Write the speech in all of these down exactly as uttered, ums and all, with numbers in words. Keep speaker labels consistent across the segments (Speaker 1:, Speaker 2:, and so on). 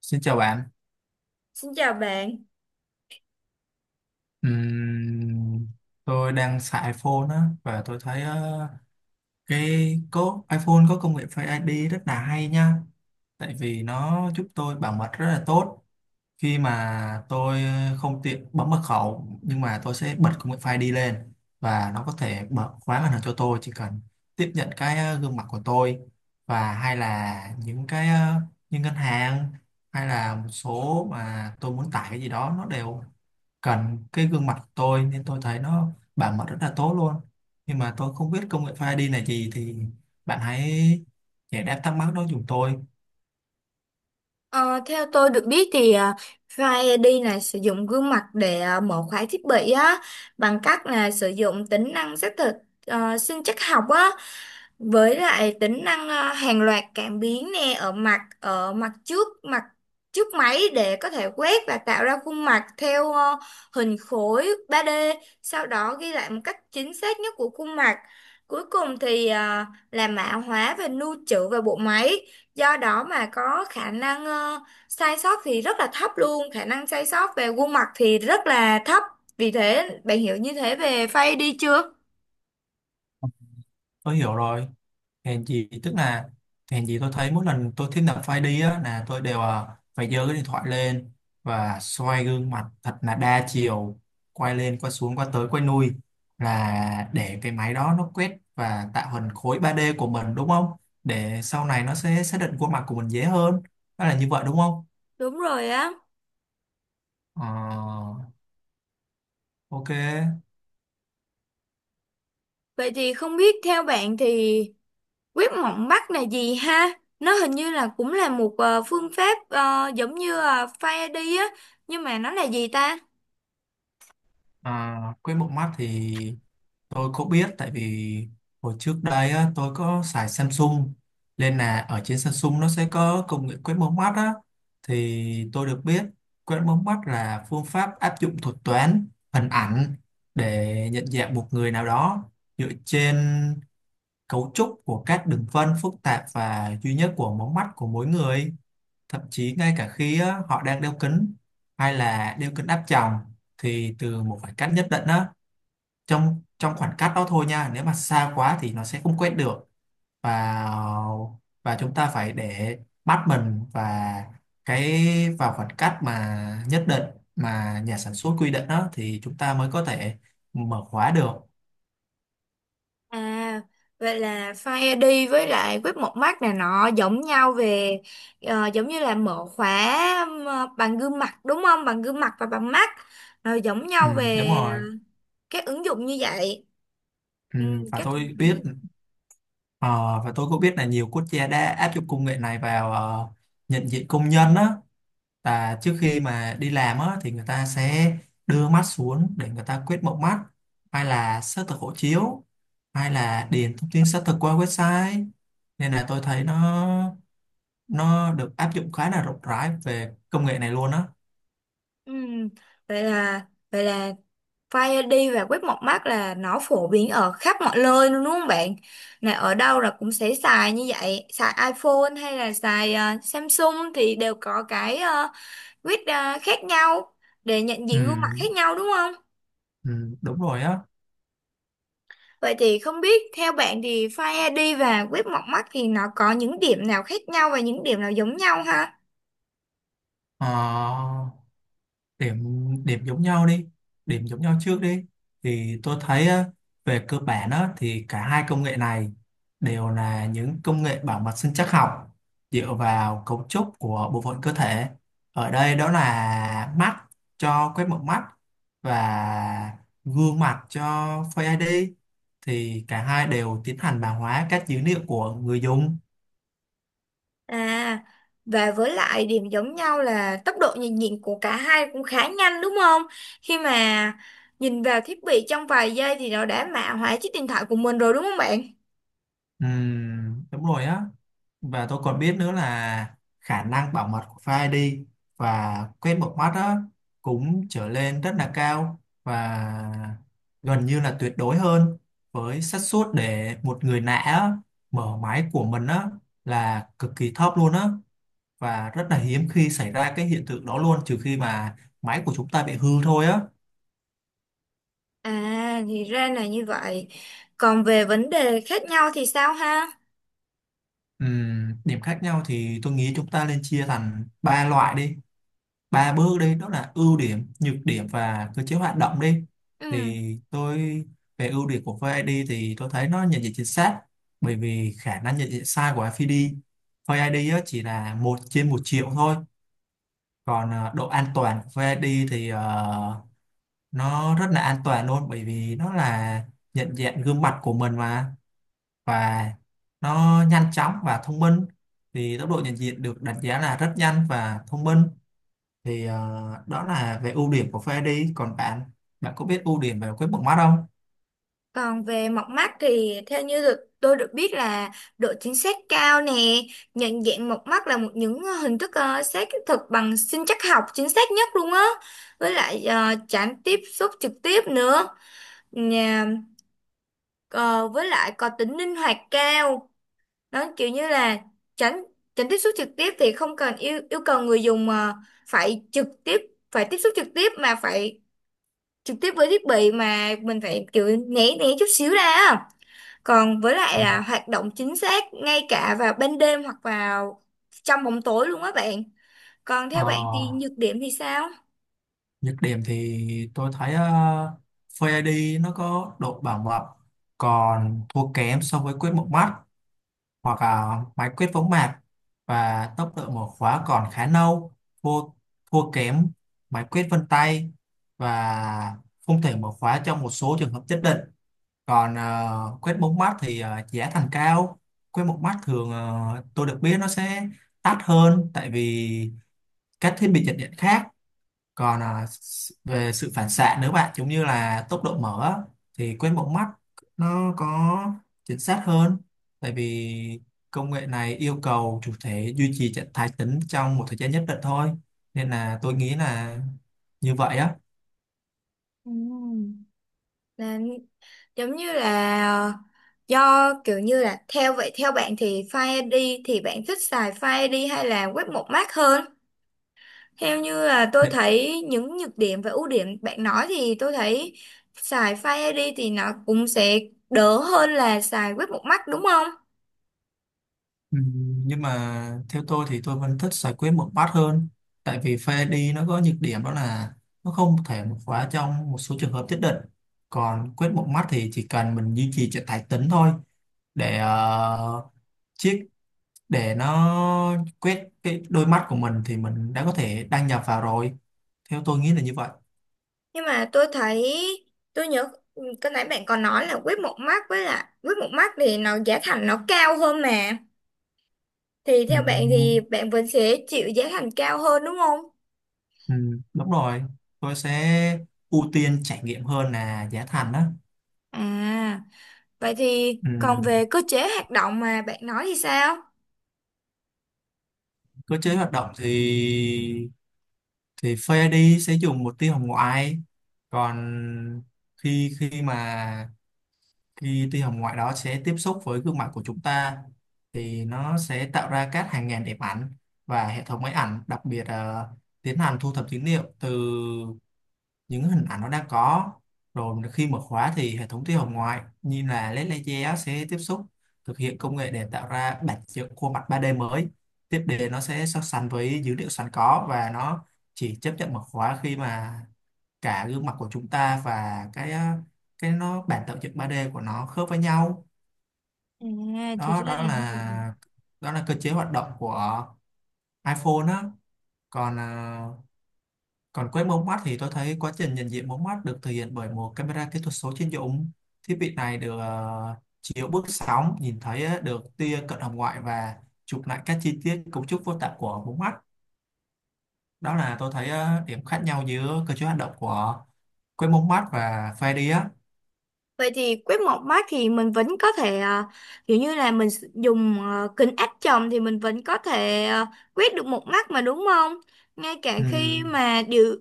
Speaker 1: Xin chào bạn.
Speaker 2: Xin chào bạn.
Speaker 1: Ừm, tôi đang xài iPhone á, và tôi thấy ờ, cái có iPhone có công nghệ Face ai đi rất là hay nha, tại vì nó giúp tôi bảo mật rất là tốt khi mà tôi không tiện bấm mật khẩu, nhưng mà tôi sẽ bật công nghệ Face ai đi lên và nó có thể mở khóa màn hình cho tôi, chỉ cần tiếp nhận cái ờ, gương mặt của tôi. Và hay là những cái ờ, những ngân hàng hay là một số mà tôi muốn tải cái gì đó, nó đều cần cái gương mặt của tôi, nên tôi thấy nó bảo mật rất là tốt luôn. Nhưng mà tôi không biết công nghệ Face ai đi là gì, thì bạn hãy giải đáp thắc mắc đó giùm tôi.
Speaker 2: Ờ, Theo tôi được biết thì à, Face i đê này sử dụng gương mặt để à, mở khóa thiết bị á, bằng cách là sử dụng tính năng xác thực ờ, sinh trắc học á, với lại tính năng à, hàng loạt cảm biến nè, ở mặt ở mặt trước mặt trước máy để có thể quét và tạo ra khuôn mặt theo ờ, hình khối ba đê, sau đó ghi lại một cách chính xác nhất của khuôn mặt. Cuối cùng thì à, là mã hóa và lưu trữ vào bộ máy, do đó mà có khả năng ờ, sai sót thì rất là thấp luôn, khả năng sai sót về khuôn mặt thì rất là thấp. Vì thế bạn hiểu như thế về face đi chưa?
Speaker 1: Tôi hiểu rồi, hèn gì tức là hèn gì tôi thấy mỗi lần tôi thiết lập file đi á là tôi đều à, phải giơ cái điện thoại lên và xoay gương mặt thật là đa chiều, quay lên quay xuống quay tới quay lui, là để cái máy đó nó quét và tạo hình khối ba đê của mình đúng không, để sau này nó sẽ xác định khuôn mặt của mình dễ hơn. Đó là như vậy đúng không?
Speaker 2: Đúng rồi á.
Speaker 1: Ờ, ok.
Speaker 2: Vậy thì không biết theo bạn thì quét mống mắt là gì ha? Nó hình như là cũng là một ờ, phương pháp ờ, giống như uh, face ai đi á, nhưng mà nó là gì ta?
Speaker 1: À, quét một mắt thì tôi cũng biết, tại vì hồi trước đây á, tôi có xài Samsung, nên là ở trên Samsung nó sẽ có công nghệ quét mống mắt á. Thì tôi được biết quét mống mắt là phương pháp áp dụng thuật toán hình ảnh để nhận dạng một người nào đó dựa trên cấu trúc của các đường vân phức tạp và duy nhất của mống mắt của mỗi người, thậm chí ngay cả khi á, họ đang đeo kính hay là đeo kính áp tròng, thì từ một khoảng cách nhất định á, trong trong khoảng cách đó thôi nha, nếu mà xa quá thì nó sẽ không quét được. Và và chúng ta phải để mắt mình và cái vào khoảng cách mà nhất định, mà nhà sản xuất quy định đó, thì chúng ta mới có thể mở khóa được.
Speaker 2: À, vậy là Fire ai đi với lại web một mắt này nọ giống nhau về, ờ, giống như là mở khóa ờ, bằng gương mặt đúng không? Bằng gương mặt và bằng mắt. Rồi giống
Speaker 1: Ừ,
Speaker 2: nhau
Speaker 1: đúng
Speaker 2: về
Speaker 1: rồi.
Speaker 2: các ứng dụng như vậy.
Speaker 1: Ừ,
Speaker 2: Ừ,
Speaker 1: và
Speaker 2: các
Speaker 1: tôi biết ờ, và tôi cũng biết là nhiều quốc gia đã áp dụng công nghệ này vào ờ, nhận diện công nhân á. Và trước khi mà đi làm á, thì người ta sẽ đưa mắt xuống để người ta quét mống mắt, hay là xác thực hộ chiếu, hay là điền thông tin xác thực qua website. Nên là tôi thấy nó nó được áp dụng khá là rộng rãi về công nghệ này luôn á.
Speaker 2: ừ, vậy là vậy là Fire ai đi và web một mắt là nó phổ biến ở khắp mọi nơi luôn đúng không bạn? Này ở đâu là cũng sẽ xài như vậy, xài iPhone hay là xài ờ, Samsung thì đều có cái ờ, quyết à, khác nhau để nhận
Speaker 1: Ừ,
Speaker 2: diện gương mặt khác nhau đúng không?
Speaker 1: ừ, đúng rồi á.
Speaker 2: Vậy thì không biết theo bạn thì Face ai đi và quét mọc mắt thì nó có những điểm nào khác nhau và những điểm nào giống nhau ha?
Speaker 1: Ờ, điểm điểm giống nhau đi, điểm giống nhau trước đi. Thì tôi thấy á, về cơ bản á, thì cả hai công nghệ này đều là những công nghệ bảo mật sinh trắc học, dựa vào cấu trúc của bộ phận cơ thể, ở đây đó là mắt cho quét mống mắt và gương mặt cho Face ai đi. Thì cả hai đều tiến hành mã hóa các dữ liệu của người dùng.
Speaker 2: À, và với lại điểm giống nhau là tốc độ nhận diện của cả hai cũng khá nhanh đúng không? Khi mà nhìn vào thiết bị trong vài giây thì nó đã mã hóa chiếc điện thoại của mình rồi đúng không bạn?
Speaker 1: Ừm, đúng rồi á. Và tôi còn biết nữa là khả năng bảo mật của Face ai đi và quét một mắt đó cũng trở lên rất là cao, và gần như là tuyệt đối hơn, với xác suất để một người lạ á, mở máy của mình á, là cực kỳ thấp luôn á, và rất là hiếm khi xảy ra cái hiện tượng đó luôn, trừ khi mà máy của chúng ta bị hư thôi á.
Speaker 2: À, thì ra là như vậy. Còn về vấn đề khác nhau thì sao ha?
Speaker 1: Ừm, điểm khác nhau thì tôi nghĩ chúng ta nên chia thành ba loại đi, ba bước đi, đó là ưu điểm, nhược điểm và cơ chế hoạt động đi.
Speaker 2: Ừ.
Speaker 1: Thì tôi Về ưu điểm của vê ai đi thì tôi thấy nó nhận diện chính xác, bởi vì khả năng nhận diện sai của ép ai đi vê ai đi á, chỉ là một trên một triệu thôi. Còn ờ, độ an toàn của vê ai đi thì ờ, nó rất là an toàn luôn, bởi vì nó là nhận diện gương mặt của mình mà. Và nó nhanh chóng và thông minh, thì tốc độ nhận diện được đánh giá là rất nhanh và thông minh. thì ờ, Đó là về ưu điểm của pha đi. Còn bạn, bạn có biết ưu điểm về cái bóng mắt không?
Speaker 2: Còn về mọc mắt thì theo như được tôi được biết là độ chính xác cao nè, nhận dạng mọc mắt là một những ờ, hình thức ờ, xác thực bằng sinh trắc học chính xác nhất luôn á. Với lại ờ, tránh tiếp xúc trực tiếp nữa. Nhà, ờ, với lại có tính linh hoạt cao. Nó kiểu như là tránh tránh tiếp xúc trực tiếp thì không cần yêu yêu cầu người dùng mà phải trực tiếp, phải tiếp xúc trực tiếp mà phải trực tiếp với thiết bị, mà mình phải kiểu né né chút xíu ra á. Còn với lại
Speaker 1: Ừ.
Speaker 2: là hoạt động chính xác ngay cả vào ban đêm hoặc vào trong bóng tối luôn á bạn. Còn theo
Speaker 1: Ờ,
Speaker 2: bạn thì nhược điểm thì sao?
Speaker 1: Nhược điểm thì tôi thấy uh, Face ai đi nó có độ bảo mật còn thua kém so với quét một mắt hoặc là máy quét võng mạc, và tốc độ mở khóa còn khá nâu, thua thua kém máy quét vân tay, và không thể mở khóa trong một số trường hợp nhất định. Còn ờ, quét bốn mắt thì ờ, giá thành cao. Quét một mắt thường ờ, tôi được biết nó sẽ đắt hơn, tại vì các thiết bị chập điện khác. Còn ờ, s- về sự phản xạ, nếu bạn giống như là tốc độ mở á, thì quét một mắt nó có chính xác hơn, tại vì công nghệ này yêu cầu chủ thể duy trì trạng thái tĩnh trong một thời gian nhất định thôi. Nên là tôi nghĩ là như vậy á.
Speaker 2: Ừm. Là giống như là ờ, do kiểu như là theo vậy, theo bạn thì Fire ai đi thì bạn thích xài Fire ai đi hay là web một mác hơn? Theo như là tôi thấy những nhược điểm và ưu điểm bạn nói thì tôi thấy xài Fire ai đi thì nó cũng sẽ đỡ hơn là xài web một mác đúng không?
Speaker 1: Ừ, nhưng mà theo tôi thì tôi vẫn thích giải quyết một bát hơn, tại vì pha đi nó có nhược điểm đó là nó không thể một khóa trong một số trường hợp nhất định. Còn quyết một mắt thì chỉ cần mình duy trì trạng thái tĩnh thôi, để ờ, chiếc để nó quét cái đôi mắt của mình thì mình đã có thể đăng nhập vào rồi. Theo tôi nghĩ là như vậy.
Speaker 2: Nhưng mà tôi thấy, tôi nhớ ừ, cái nãy bạn còn nói là quýt một mắt với là quýt một mắt thì nó giá thành nó cao hơn mà, thì
Speaker 1: Ừ,
Speaker 2: theo bạn thì bạn vẫn sẽ chịu giá thành cao hơn đúng không?
Speaker 1: ừ, đúng rồi. Tôi sẽ ưu tiên trải nghiệm hơn là giá thành đó.
Speaker 2: À, vậy thì
Speaker 1: Ừ,
Speaker 2: còn về cơ chế hoạt động mà bạn nói thì sao?
Speaker 1: cơ chế hoạt động thì thì Face ai đi sẽ dùng một tia hồng ngoại. Còn khi khi mà khi tia hồng ngoại đó sẽ tiếp xúc với gương mặt của chúng ta, thì nó sẽ tạo ra các hàng ngàn đẹp ảnh, và hệ thống máy ảnh đặc biệt là tiến hành thu thập dữ liệu từ những hình ảnh nó đã có. Rồi khi mở khóa thì hệ thống tia hồng ngoại như là lét laser sẽ tiếp xúc, thực hiện công nghệ để tạo ra bản chất khuôn mặt ba đê mới. Tiếp đến nó sẽ so sánh với dữ liệu sẵn có, và nó chỉ chấp nhận mở khóa khi mà cả gương mặt của chúng ta và cái ờ, cái nó bản tạo dựng ba đê của nó khớp với nhau.
Speaker 2: À, thì
Speaker 1: Đó
Speaker 2: ra
Speaker 1: đó
Speaker 2: là như vậy.
Speaker 1: là Đó là cơ chế hoạt động của iPhone đó. Còn ờ, còn quét mống mắt thì tôi thấy quá trình nhận diện mống mắt được thực hiện bởi một camera kỹ thuật số chuyên dụng. Thiết bị này được ờ, chiếu bước sóng, nhìn thấy ờ, được tia cận hồng ngoại, và chụp lại các chi tiết cấu trúc vô tạng của mống mắt. Đó là tôi thấy ờ, điểm khác nhau giữa cơ chế hoạt động của quét mống mắt và Face ai đi á.
Speaker 2: Vậy thì quét một mác thì mình vẫn có thể à, kiểu như là mình sử- dùng à, kính áp tròng thì mình vẫn có thể à, quét được một mắt mà đúng không? Ngay cả
Speaker 1: Ừ,
Speaker 2: khi mà điều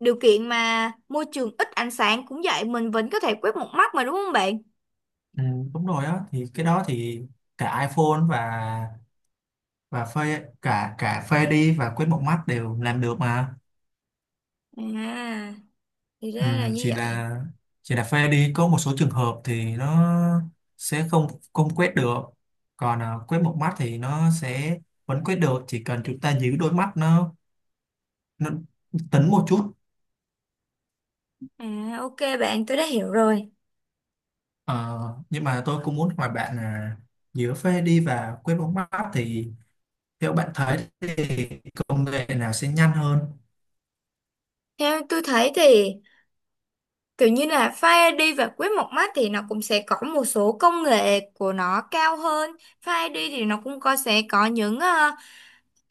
Speaker 2: điều kiện mà môi trường ít ánh sáng cũng vậy, mình vẫn có thể quét một mắt mà đúng không bạn?
Speaker 1: ừ, đúng rồi á, thì cái đó thì cả iPhone và và Face cả cả Face ai đi và quét mống mắt đều làm được mà.
Speaker 2: À, thì
Speaker 1: Ừ,
Speaker 2: ra là như
Speaker 1: chỉ
Speaker 2: vậy.
Speaker 1: là chỉ là pha đi có một số trường hợp thì nó sẽ không không quét được. Còn à, quét một mắt thì nó sẽ vẫn quét được, chỉ cần chúng ta giữ đôi mắt nó nó tính một chút.
Speaker 2: À, ok bạn, tôi đã hiểu rồi.
Speaker 1: Ờ, nhưng mà tôi cũng muốn hỏi bạn là giữa pha đi và quét một mắt thì theo bạn thấy thì công nghệ nào sẽ nhanh hơn?
Speaker 2: Theo tôi thấy thì kiểu như là Fire i đê và quét một mắt thì nó cũng sẽ có một số công nghệ của nó cao hơn. Fire ai đi thì nó cũng có sẽ có những à,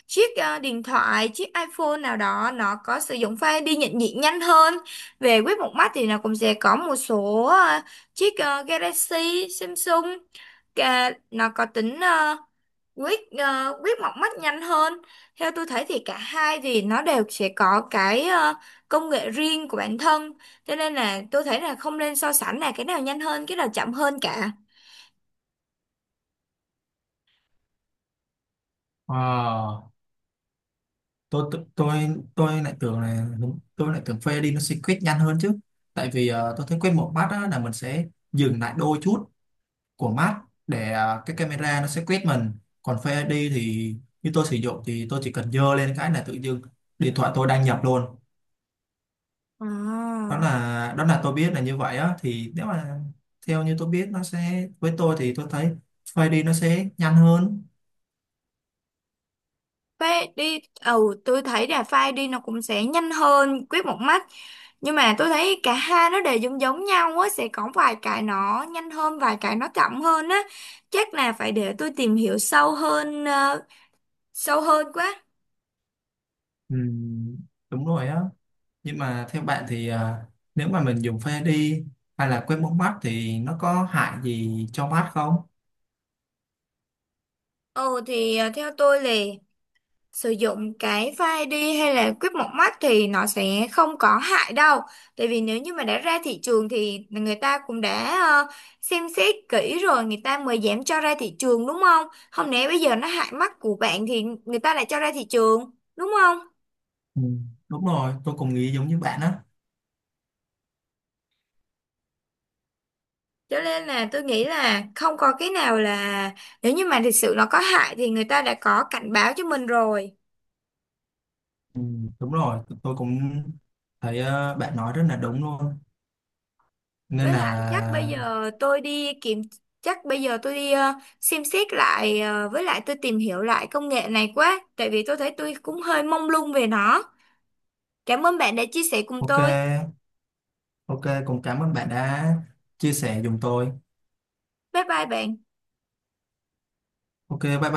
Speaker 2: chiếc ờ, điện thoại, chiếc iPhone nào đó nó có sử dụng file đi nhận diện nhanh hơn. Về quét một mắt thì nó cũng sẽ có một số ờ, chiếc ờ, Galaxy Samsung, Ca- nó có tính ờ, quét ờ, quét một mắt nhanh hơn. Theo tôi thấy thì cả hai thì nó đều sẽ có cái ờ, công nghệ riêng của bản thân, cho nên là tôi thấy là không nên so sánh là cái nào nhanh hơn cái nào chậm hơn cả.
Speaker 1: Ờ, tôi tôi tôi tôi lại tưởng là đúng, tôi lại tưởng phê đi nó sẽ quyết nhanh hơn chứ. Tại vì ờ, tôi thấy quyết một mắt á, là mình sẽ dừng lại đôi chút của mắt để ờ, cái camera nó sẽ quét mình. Còn phê đi thì như tôi sử dụng thì tôi chỉ cần dơ lên cái là tự dưng điện thoại tôi đăng nhập luôn. Đó
Speaker 2: À.
Speaker 1: là đó là tôi biết là như vậy á. Thì nếu mà theo như tôi biết nó sẽ, với tôi thì tôi thấy phê đi nó sẽ nhanh hơn.
Speaker 2: Phai đi, ừ, tôi thấy là file đi nó cũng sẽ nhanh hơn quét một mắt. Nhưng mà tôi thấy cả hai nó đều giống giống nhau á, sẽ có vài cái nó nhanh hơn vài cái nó chậm hơn á. Chắc là phải để tôi tìm hiểu sâu hơn, ờ, sâu hơn quá.
Speaker 1: Ừ, đúng rồi á. Nhưng mà theo bạn thì à, nếu mà mình dùng phê đi hay là quét mống mắt thì nó có hại gì cho mắt không?
Speaker 2: Ừ, thì ờ, theo tôi là sử dụng cái file đi hay là quýt một mắt thì nó sẽ không có hại đâu. Tại vì nếu như mà đã ra thị trường thì người ta cũng đã ờ, xem xét kỹ rồi người ta mới dám cho ra thị trường đúng không? Không lẽ bây giờ nó hại mắt của bạn thì người ta lại cho ra thị trường đúng không?
Speaker 1: Ừ. Đúng rồi, tôi cũng nghĩ giống như bạn á.
Speaker 2: Cho nên là tôi nghĩ là không có cái nào là, nếu như mà thực sự nó có hại thì người ta đã có cảnh báo cho mình rồi.
Speaker 1: Ừ. Đúng rồi, tôi cũng thấy ờ, bạn nói rất là đúng luôn. Nên
Speaker 2: Với
Speaker 1: là
Speaker 2: lại chắc bây giờ tôi đi kiểm, chắc bây giờ tôi đi ờ, xem xét lại, ờ, với lại tôi tìm hiểu lại công nghệ này quá, tại vì tôi thấy tôi cũng hơi mông lung về nó. Cảm ơn bạn đã chia sẻ cùng
Speaker 1: ok,
Speaker 2: tôi.
Speaker 1: ok, cũng cảm ơn bạn đã chia sẻ giùm tôi.
Speaker 2: Bye bye bạn.
Speaker 1: Ok, bye bye.